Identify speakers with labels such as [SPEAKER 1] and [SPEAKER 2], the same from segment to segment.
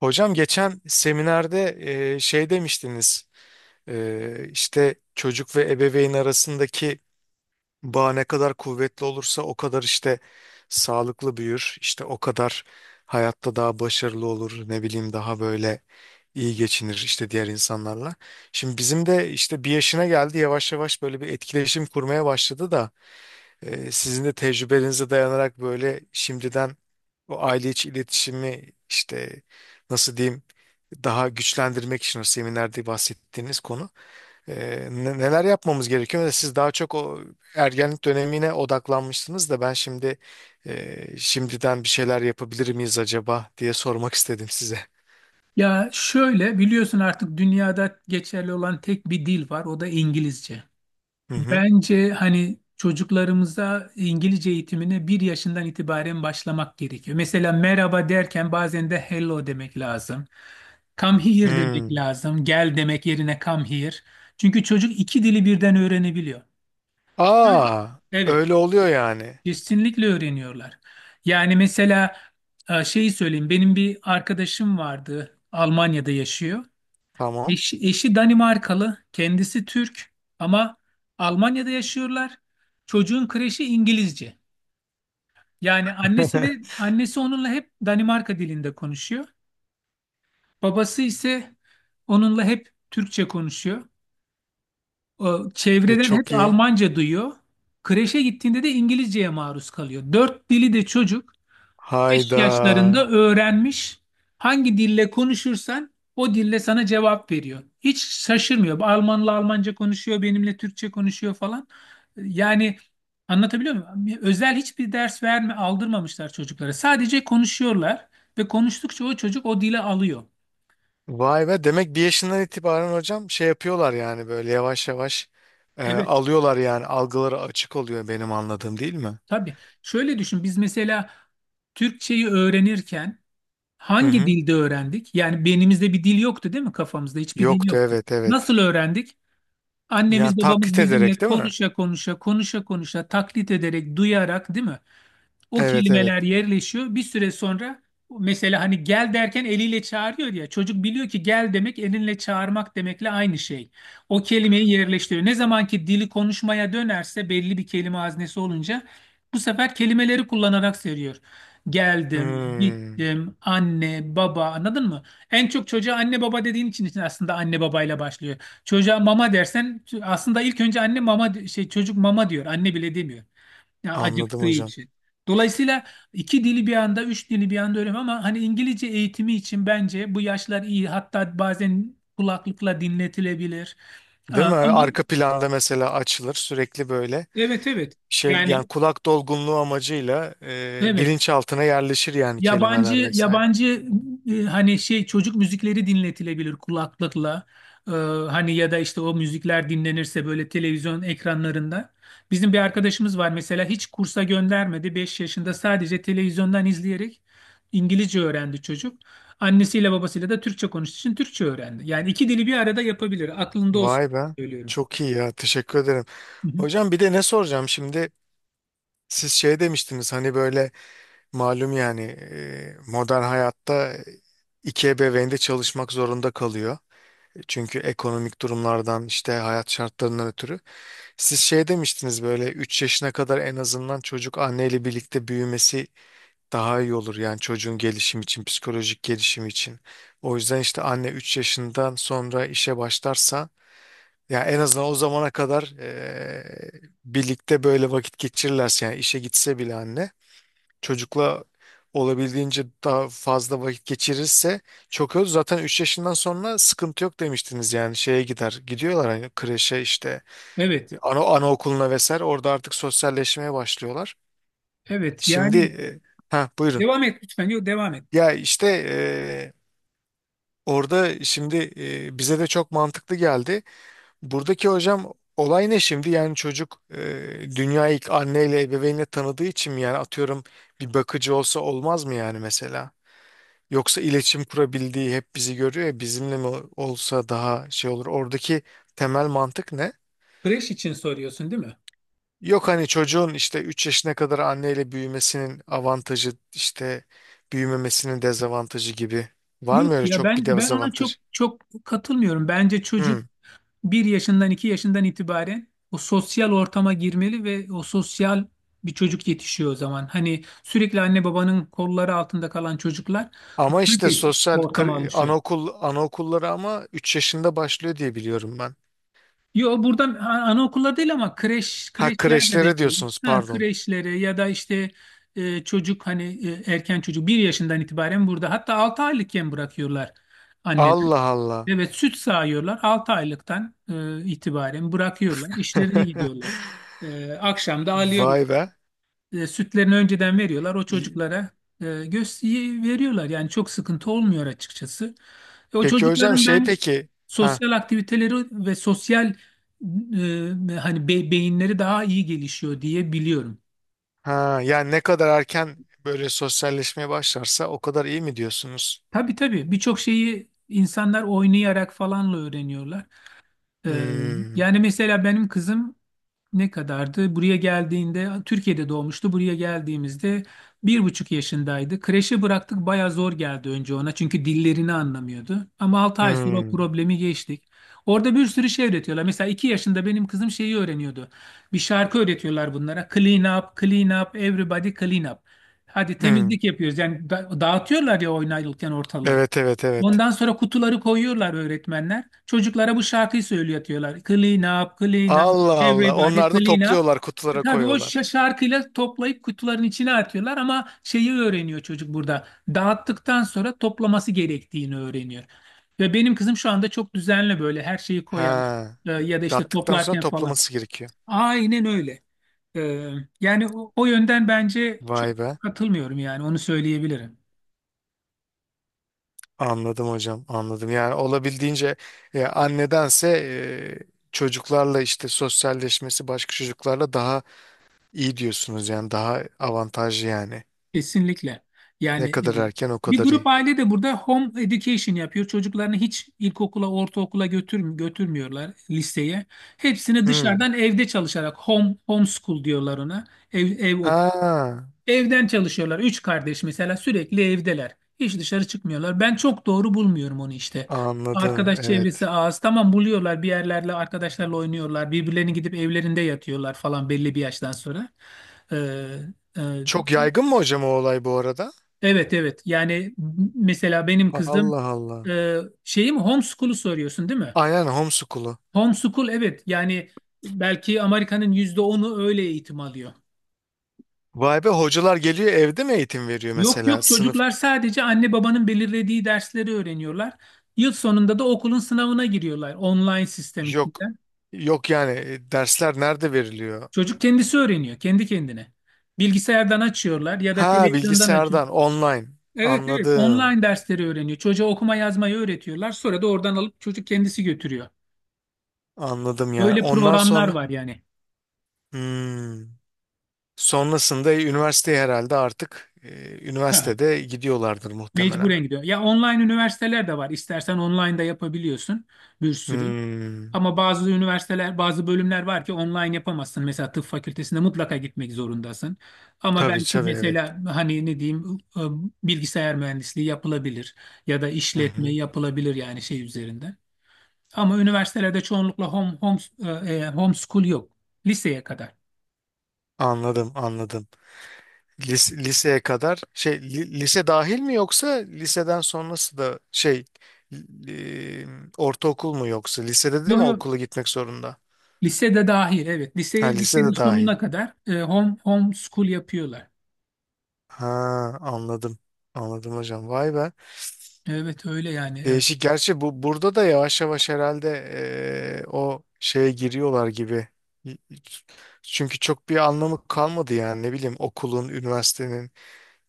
[SPEAKER 1] Hocam geçen seminerde şey demiştiniz, işte çocuk ve ebeveyn arasındaki bağ ne kadar kuvvetli olursa o kadar işte sağlıklı büyür, işte o kadar hayatta daha başarılı olur, ne bileyim daha böyle iyi geçinir işte diğer insanlarla. Şimdi bizim de işte bir yaşına geldi, yavaş yavaş böyle bir etkileşim kurmaya başladı da sizin de tecrübelerinize dayanarak böyle şimdiden o aile içi iletişimi işte nasıl diyeyim daha güçlendirmek için o seminerde bahsettiğiniz konu, neler yapmamız gerekiyor? Ve siz daha çok o ergenlik dönemine odaklanmışsınız da ben şimdi şimdiden bir şeyler yapabilir miyiz acaba diye sormak istedim size.
[SPEAKER 2] Ya, şöyle biliyorsun artık dünyada geçerli olan tek bir dil var, o da İngilizce.
[SPEAKER 1] Hı hı.
[SPEAKER 2] Bence hani çocuklarımıza İngilizce eğitimine bir yaşından itibaren başlamak gerekiyor. Mesela merhaba derken bazen de hello demek lazım. Come here demek
[SPEAKER 1] Hmm.
[SPEAKER 2] lazım. Gel demek yerine come here. Çünkü çocuk iki dili birden öğrenebiliyor.
[SPEAKER 1] Aa,
[SPEAKER 2] Evet,
[SPEAKER 1] öyle oluyor yani.
[SPEAKER 2] kesinlikle öğreniyorlar. Yani mesela şeyi söyleyeyim, benim bir arkadaşım vardı, Almanya'da yaşıyor.
[SPEAKER 1] Tamam.
[SPEAKER 2] Eşi Danimarkalı, kendisi Türk ama Almanya'da yaşıyorlar. Çocuğun kreşi İngilizce. Yani annesiyle annesi onunla hep Danimarka dilinde konuşuyor. Babası ise onunla hep Türkçe konuşuyor. O, çevreden hep
[SPEAKER 1] Çok iyi.
[SPEAKER 2] Almanca duyuyor. Kreşe gittiğinde de İngilizceye maruz kalıyor. Dört dili de çocuk beş
[SPEAKER 1] Hayda.
[SPEAKER 2] yaşlarında öğrenmiş. Hangi dille konuşursan o dille sana cevap veriyor. Hiç şaşırmıyor. Almanla Almanca konuşuyor, benimle Türkçe konuşuyor falan. Yani anlatabiliyor muyum? Özel hiçbir ders verme, aldırmamışlar çocuklara. Sadece konuşuyorlar ve konuştukça o çocuk o dile alıyor.
[SPEAKER 1] Vay be, demek bir yaşından itibaren hocam şey yapıyorlar yani böyle yavaş yavaş
[SPEAKER 2] Evet,
[SPEAKER 1] alıyorlar, yani algıları açık oluyor benim anladığım, değil mi?
[SPEAKER 2] tabii. Şöyle düşün, biz mesela Türkçeyi öğrenirken
[SPEAKER 1] Hı
[SPEAKER 2] hangi
[SPEAKER 1] hı.
[SPEAKER 2] dilde öğrendik? Yani beynimizde bir dil yoktu değil mi, kafamızda? Hiçbir dil
[SPEAKER 1] Yoktu,
[SPEAKER 2] yoktu.
[SPEAKER 1] evet evet.
[SPEAKER 2] Nasıl öğrendik?
[SPEAKER 1] Yani
[SPEAKER 2] Annemiz babamız
[SPEAKER 1] taklit
[SPEAKER 2] bizimle
[SPEAKER 1] ederek değil mi?
[SPEAKER 2] konuşa konuşa konuşa konuşa taklit ederek, duyarak değil mi? O
[SPEAKER 1] Evet evet.
[SPEAKER 2] kelimeler yerleşiyor. Bir süre sonra mesela hani gel derken eliyle çağırıyor ya. Çocuk biliyor ki gel demek elinle çağırmak demekle aynı şey. O kelimeyi yerleştiriyor. Ne zaman ki dili konuşmaya dönerse, belli bir kelime haznesi olunca bu sefer kelimeleri kullanarak seriyor. Geldim,
[SPEAKER 1] Hmm,
[SPEAKER 2] gittim, anne, baba, anladın mı? En çok çocuğa anne baba dediğin için aslında anne babayla başlıyor. Çocuğa mama dersen aslında ilk önce anne mama çocuk mama diyor. Anne bile demiyor. Yani
[SPEAKER 1] anladım
[SPEAKER 2] acıktığı
[SPEAKER 1] hocam.
[SPEAKER 2] için. Dolayısıyla iki dili bir anda, üç dili bir anda öğrenmem ama hani İngilizce eğitimi için bence bu yaşlar iyi. Hatta bazen kulaklıkla dinletilebilir.
[SPEAKER 1] Değil
[SPEAKER 2] Aa,
[SPEAKER 1] mi?
[SPEAKER 2] ama
[SPEAKER 1] Arka planda mesela açılır sürekli böyle
[SPEAKER 2] evet, evet.
[SPEAKER 1] şey
[SPEAKER 2] Yani
[SPEAKER 1] yani kulak dolgunluğu amacıyla
[SPEAKER 2] evet.
[SPEAKER 1] bilinçaltına yerleşir yani,
[SPEAKER 2] Yabancı
[SPEAKER 1] kelimeler vesaire.
[SPEAKER 2] yabancı hani çocuk müzikleri dinletilebilir kulaklıkla. Ee, hani ya da işte o müzikler dinlenirse böyle televizyon ekranlarında. Bizim bir arkadaşımız var mesela, hiç kursa göndermedi. 5 yaşında sadece televizyondan izleyerek İngilizce öğrendi çocuk. Annesiyle babasıyla da Türkçe konuştuğu için Türkçe öğrendi. Yani iki dili bir arada yapabilir. Aklında olsun,
[SPEAKER 1] Vay be.
[SPEAKER 2] söylüyorum.
[SPEAKER 1] Çok iyi ya, teşekkür ederim.
[SPEAKER 2] Hı hı.
[SPEAKER 1] Hocam bir de ne soracağım şimdi? Siz şey demiştiniz hani böyle malum yani, modern hayatta iki ebeveyn de çalışmak zorunda kalıyor. Çünkü ekonomik durumlardan, işte hayat şartlarından ötürü. Siz şey demiştiniz, böyle 3 yaşına kadar en azından çocuk anneyle birlikte büyümesi daha iyi olur. Yani çocuğun gelişim için, psikolojik gelişim için. O yüzden işte anne 3 yaşından sonra işe başlarsa ya en azından o zamana kadar birlikte böyle vakit geçirirlerse, yani işe gitse bile anne çocukla olabildiğince daha fazla vakit geçirirse çok öz. Zaten 3 yaşından sonra sıkıntı yok demiştiniz, yani şeye gider. Gidiyorlar hani kreşe, işte
[SPEAKER 2] Evet.
[SPEAKER 1] ana anaokuluna vesaire, orada artık sosyalleşmeye başlıyorlar.
[SPEAKER 2] Evet.
[SPEAKER 1] Şimdi
[SPEAKER 2] Yani
[SPEAKER 1] ha buyurun.
[SPEAKER 2] devam et lütfen. Yok, devam et.
[SPEAKER 1] Ya işte orada şimdi bize de çok mantıklı geldi. Buradaki hocam olay ne şimdi? Yani çocuk dünyayı ilk anneyle, ebeveynle tanıdığı için mi, yani atıyorum bir bakıcı olsa olmaz mı yani mesela? Yoksa iletişim kurabildiği, hep bizi görüyor ya, bizimle mi olsa daha şey olur. Oradaki temel mantık ne?
[SPEAKER 2] Kreş için soruyorsun değil mi?
[SPEAKER 1] Yok hani çocuğun işte 3 yaşına kadar anneyle büyümesinin avantajı, işte büyümemesinin dezavantajı gibi. Var mı
[SPEAKER 2] Yok
[SPEAKER 1] öyle
[SPEAKER 2] ya,
[SPEAKER 1] çok bir
[SPEAKER 2] ben ona çok
[SPEAKER 1] dezavantaj?
[SPEAKER 2] çok katılmıyorum. Bence çocuk
[SPEAKER 1] Hmm.
[SPEAKER 2] bir yaşından, iki yaşından itibaren o sosyal ortama girmeli ve o sosyal bir çocuk yetişiyor o zaman. Hani sürekli anne babanın kolları altında kalan çocuklar
[SPEAKER 1] Ama
[SPEAKER 2] daha
[SPEAKER 1] işte
[SPEAKER 2] geç ortama alışıyor.
[SPEAKER 1] anaokul anaokulları ama 3 yaşında başlıyor diye biliyorum ben.
[SPEAKER 2] Yo, burada anaokulları değil ama
[SPEAKER 1] Ha,
[SPEAKER 2] kreşler de
[SPEAKER 1] kreşlere
[SPEAKER 2] demeyeyim.
[SPEAKER 1] diyorsunuz,
[SPEAKER 2] Ha,
[SPEAKER 1] pardon.
[SPEAKER 2] kreşlere ya da işte çocuk hani erken çocuk bir yaşından itibaren burada, hatta 6 aylıkken bırakıyorlar anneler.
[SPEAKER 1] Allah Allah.
[SPEAKER 2] Evet, süt sağıyorlar. 6 aylıktan itibaren bırakıyorlar. İşlerine gidiyorlar. Akşam da alıyorlar.
[SPEAKER 1] Vay be.
[SPEAKER 2] Sütlerini önceden veriyorlar. O
[SPEAKER 1] İyi.
[SPEAKER 2] çocuklara göz veriyorlar. Yani çok sıkıntı olmuyor açıkçası. O
[SPEAKER 1] Peki hocam
[SPEAKER 2] çocukların
[SPEAKER 1] şey
[SPEAKER 2] ben
[SPEAKER 1] peki. Ha.
[SPEAKER 2] sosyal aktiviteleri ve sosyal, hani beyinleri daha iyi gelişiyor diye biliyorum.
[SPEAKER 1] Ha, yani ne kadar erken böyle sosyalleşmeye başlarsa o kadar iyi mi diyorsunuz?
[SPEAKER 2] Tabii, tabii, birçok şeyi insanlar oynayarak falanla öğreniyorlar. E,
[SPEAKER 1] Hmm,
[SPEAKER 2] Yani mesela benim kızım ne kadardı? Buraya geldiğinde Türkiye'de doğmuştu. Buraya geldiğimizde 1,5 yaşındaydı. Kreşe bıraktık, baya zor geldi önce ona çünkü dillerini anlamıyordu. Ama 6 ay sonra o
[SPEAKER 1] hmm,
[SPEAKER 2] problemi geçtik. Orada bir sürü şey öğretiyorlar. Mesela 2 yaşında benim kızım şeyi öğreniyordu. Bir şarkı öğretiyorlar bunlara. Clean up, clean up, everybody clean up. Hadi
[SPEAKER 1] hmm.
[SPEAKER 2] temizlik yapıyoruz. Yani dağıtıyorlar ya oynarken ortalığı.
[SPEAKER 1] Evet evet evet.
[SPEAKER 2] Ondan sonra kutuları koyuyorlar öğretmenler. Çocuklara bu şarkıyı söylüyorlar. Clean up, clean up,
[SPEAKER 1] Allah Allah.
[SPEAKER 2] everybody
[SPEAKER 1] Onlar da
[SPEAKER 2] clean up.
[SPEAKER 1] topluyorlar, kutulara
[SPEAKER 2] Tabii, o
[SPEAKER 1] koyuyorlar.
[SPEAKER 2] şarkıyla toplayıp kutuların içine atıyorlar ama şeyi öğreniyor çocuk burada. Dağıttıktan sonra toplaması gerektiğini öğreniyor. Ve benim kızım şu anda çok düzenli, böyle her şeyi koyar
[SPEAKER 1] Ha,
[SPEAKER 2] ya da işte
[SPEAKER 1] tattıktan sonra
[SPEAKER 2] toplarken falan.
[SPEAKER 1] toplaması gerekiyor.
[SPEAKER 2] Aynen öyle. E, Yani o yönden bence çok
[SPEAKER 1] Vay be.
[SPEAKER 2] katılmıyorum, yani onu söyleyebilirim.
[SPEAKER 1] Anladım hocam, anladım. Yani olabildiğince annedense çocuklarla işte sosyalleşmesi, başka çocuklarla daha iyi diyorsunuz yani, daha avantajlı yani.
[SPEAKER 2] Kesinlikle. Yani
[SPEAKER 1] Ne kadar erken o
[SPEAKER 2] bir
[SPEAKER 1] kadar
[SPEAKER 2] grup
[SPEAKER 1] iyi.
[SPEAKER 2] aile de burada home education yapıyor. Çocuklarını hiç ilkokula, ortaokula götürmüyorlar, liseye. Hepsini
[SPEAKER 1] Hmm.
[SPEAKER 2] dışarıdan evde çalışarak homeschool diyorlar ona. Ev ev ok-
[SPEAKER 1] Ha.
[SPEAKER 2] Evden çalışıyorlar. Üç kardeş mesela, sürekli evdeler. Hiç dışarı çıkmıyorlar. Ben çok doğru bulmuyorum onu işte.
[SPEAKER 1] Anladım,
[SPEAKER 2] Arkadaş çevresi
[SPEAKER 1] evet.
[SPEAKER 2] az. Tamam, buluyorlar bir yerlerle, arkadaşlarla oynuyorlar. Birbirlerini gidip evlerinde yatıyorlar falan belli bir yaştan sonra. Ee, e,
[SPEAKER 1] Çok yaygın mı hocam o olay bu arada?
[SPEAKER 2] Evet, evet. Yani mesela benim kızım,
[SPEAKER 1] Allah Allah.
[SPEAKER 2] e, şeyi mi, homeschool'u soruyorsun değil mi?
[SPEAKER 1] Aynen, homeschool'u.
[SPEAKER 2] Homeschool, evet. Yani belki Amerika'nın %10'u öyle eğitim alıyor.
[SPEAKER 1] Vay be, hocalar geliyor evde mi eğitim veriyor
[SPEAKER 2] Yok,
[SPEAKER 1] mesela?
[SPEAKER 2] yok,
[SPEAKER 1] Sınıf
[SPEAKER 2] çocuklar sadece anne babanın belirlediği dersleri öğreniyorlar. Yıl sonunda da okulun sınavına giriyorlar online sistem
[SPEAKER 1] yok.
[SPEAKER 2] içinden.
[SPEAKER 1] Yok yani, dersler nerede veriliyor?
[SPEAKER 2] Çocuk kendisi öğreniyor kendi kendine. Bilgisayardan açıyorlar ya da
[SPEAKER 1] Ha,
[SPEAKER 2] televizyondan açıyor.
[SPEAKER 1] bilgisayardan online.
[SPEAKER 2] Evet, evet,
[SPEAKER 1] Anladım.
[SPEAKER 2] online dersleri öğreniyor. Çocuğa okuma yazmayı öğretiyorlar. Sonra da oradan alıp çocuk kendisi götürüyor.
[SPEAKER 1] Anladım yani.
[SPEAKER 2] Öyle
[SPEAKER 1] Ondan
[SPEAKER 2] programlar
[SPEAKER 1] sonra
[SPEAKER 2] var yani.
[SPEAKER 1] hmm. Sonrasında üniversiteye herhalde artık
[SPEAKER 2] Ha,
[SPEAKER 1] üniversitede gidiyorlardır muhtemelen.
[SPEAKER 2] mecburen gidiyor. Ya, online üniversiteler de var. İstersen online da yapabiliyorsun, bir sürü.
[SPEAKER 1] Hmm.
[SPEAKER 2] Ama bazı üniversiteler, bazı bölümler var ki online yapamazsın. Mesela tıp fakültesinde mutlaka gitmek zorundasın. Ama
[SPEAKER 1] Tabii
[SPEAKER 2] belki
[SPEAKER 1] tabii evet.
[SPEAKER 2] mesela hani ne diyeyim, bilgisayar mühendisliği yapılabilir ya da
[SPEAKER 1] Hı
[SPEAKER 2] işletme
[SPEAKER 1] hı.
[SPEAKER 2] yapılabilir, yani üzerinde. Ama üniversitelerde çoğunlukla home homeschool yok. Liseye kadar.
[SPEAKER 1] Anladım anladım. Liseye kadar şey, lise dahil mi, yoksa liseden sonrası da şey, li- ortaokul mu, yoksa lisede de mi
[SPEAKER 2] Yok, yok,
[SPEAKER 1] okula gitmek zorunda?
[SPEAKER 2] lisede dahil evet.
[SPEAKER 1] Ha, lisede
[SPEAKER 2] Lisenin
[SPEAKER 1] dahil.
[SPEAKER 2] sonuna kadar home school yapıyorlar.
[SPEAKER 1] Ha, anladım. Anladım hocam. Vay be.
[SPEAKER 2] Evet, öyle yani.
[SPEAKER 1] Değişik. Gerçi bu burada da yavaş yavaş herhalde o şeye giriyorlar gibi. Çünkü çok bir anlamı kalmadı yani, ne bileyim okulun, üniversitenin.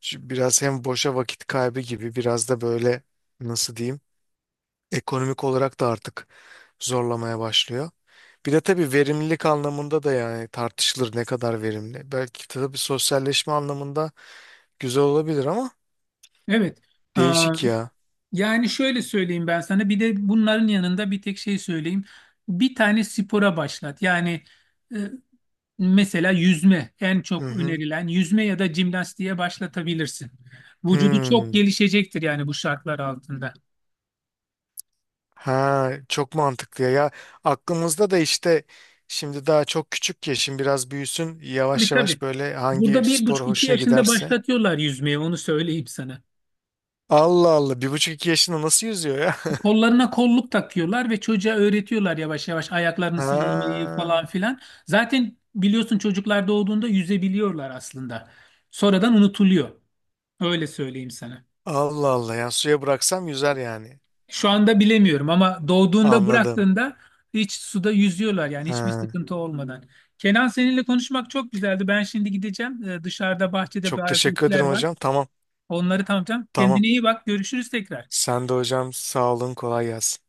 [SPEAKER 1] Şu biraz hem boşa vakit kaybı gibi, biraz da böyle nasıl diyeyim, ekonomik olarak da artık zorlamaya başlıyor. Bir de tabii verimlilik anlamında da yani, tartışılır ne kadar verimli. Belki tabii sosyalleşme anlamında güzel olabilir ama,
[SPEAKER 2] Evet. Aa,
[SPEAKER 1] değişik ya.
[SPEAKER 2] yani şöyle söyleyeyim ben sana, bir de bunların yanında bir tek şey söyleyeyim. Bir tane spora başlat. Yani e, mesela yüzme en
[SPEAKER 1] Hı
[SPEAKER 2] çok
[SPEAKER 1] hı.
[SPEAKER 2] önerilen, yüzme ya da jimnastiğe başlatabilirsin. Vücudu çok
[SPEAKER 1] Hmm.
[SPEAKER 2] gelişecektir yani bu şartlar altında.
[SPEAKER 1] Ha, çok mantıklı ya. Ya aklımızda da işte şimdi daha çok küçük ya, şimdi biraz büyüsün
[SPEAKER 2] Tabii,
[SPEAKER 1] yavaş
[SPEAKER 2] tabii.
[SPEAKER 1] yavaş, böyle hangi
[SPEAKER 2] Burada bir
[SPEAKER 1] spor
[SPEAKER 2] buçuk iki
[SPEAKER 1] hoşuna
[SPEAKER 2] yaşında
[SPEAKER 1] giderse.
[SPEAKER 2] başlatıyorlar yüzmeye, onu söyleyeyim sana.
[SPEAKER 1] Allah Allah, bir buçuk iki yaşında nasıl yüzüyor ya?
[SPEAKER 2] Kollarına kolluk takıyorlar ve çocuğa öğretiyorlar yavaş yavaş ayaklarını sallamayı
[SPEAKER 1] Ha,
[SPEAKER 2] falan filan. Zaten biliyorsun, çocuklar doğduğunda yüzebiliyorlar aslında. Sonradan unutuluyor. Öyle söyleyeyim sana.
[SPEAKER 1] Allah Allah, yani suya bıraksam yüzer yani.
[SPEAKER 2] Şu anda bilemiyorum ama doğduğunda,
[SPEAKER 1] Anladım.
[SPEAKER 2] bıraktığında hiç suda yüzüyorlar yani, hiçbir
[SPEAKER 1] Ha,
[SPEAKER 2] sıkıntı olmadan. Kenan, seninle konuşmak çok güzeldi. Ben şimdi gideceğim. Dışarıda bahçede
[SPEAKER 1] çok
[SPEAKER 2] bazı
[SPEAKER 1] teşekkür
[SPEAKER 2] işler
[SPEAKER 1] ederim
[SPEAKER 2] var.
[SPEAKER 1] hocam. Tamam,
[SPEAKER 2] Onları tamamlayacağım.
[SPEAKER 1] tamam.
[SPEAKER 2] Kendine iyi bak. Görüşürüz tekrar.
[SPEAKER 1] Sen de hocam, sağ olun, kolay gelsin.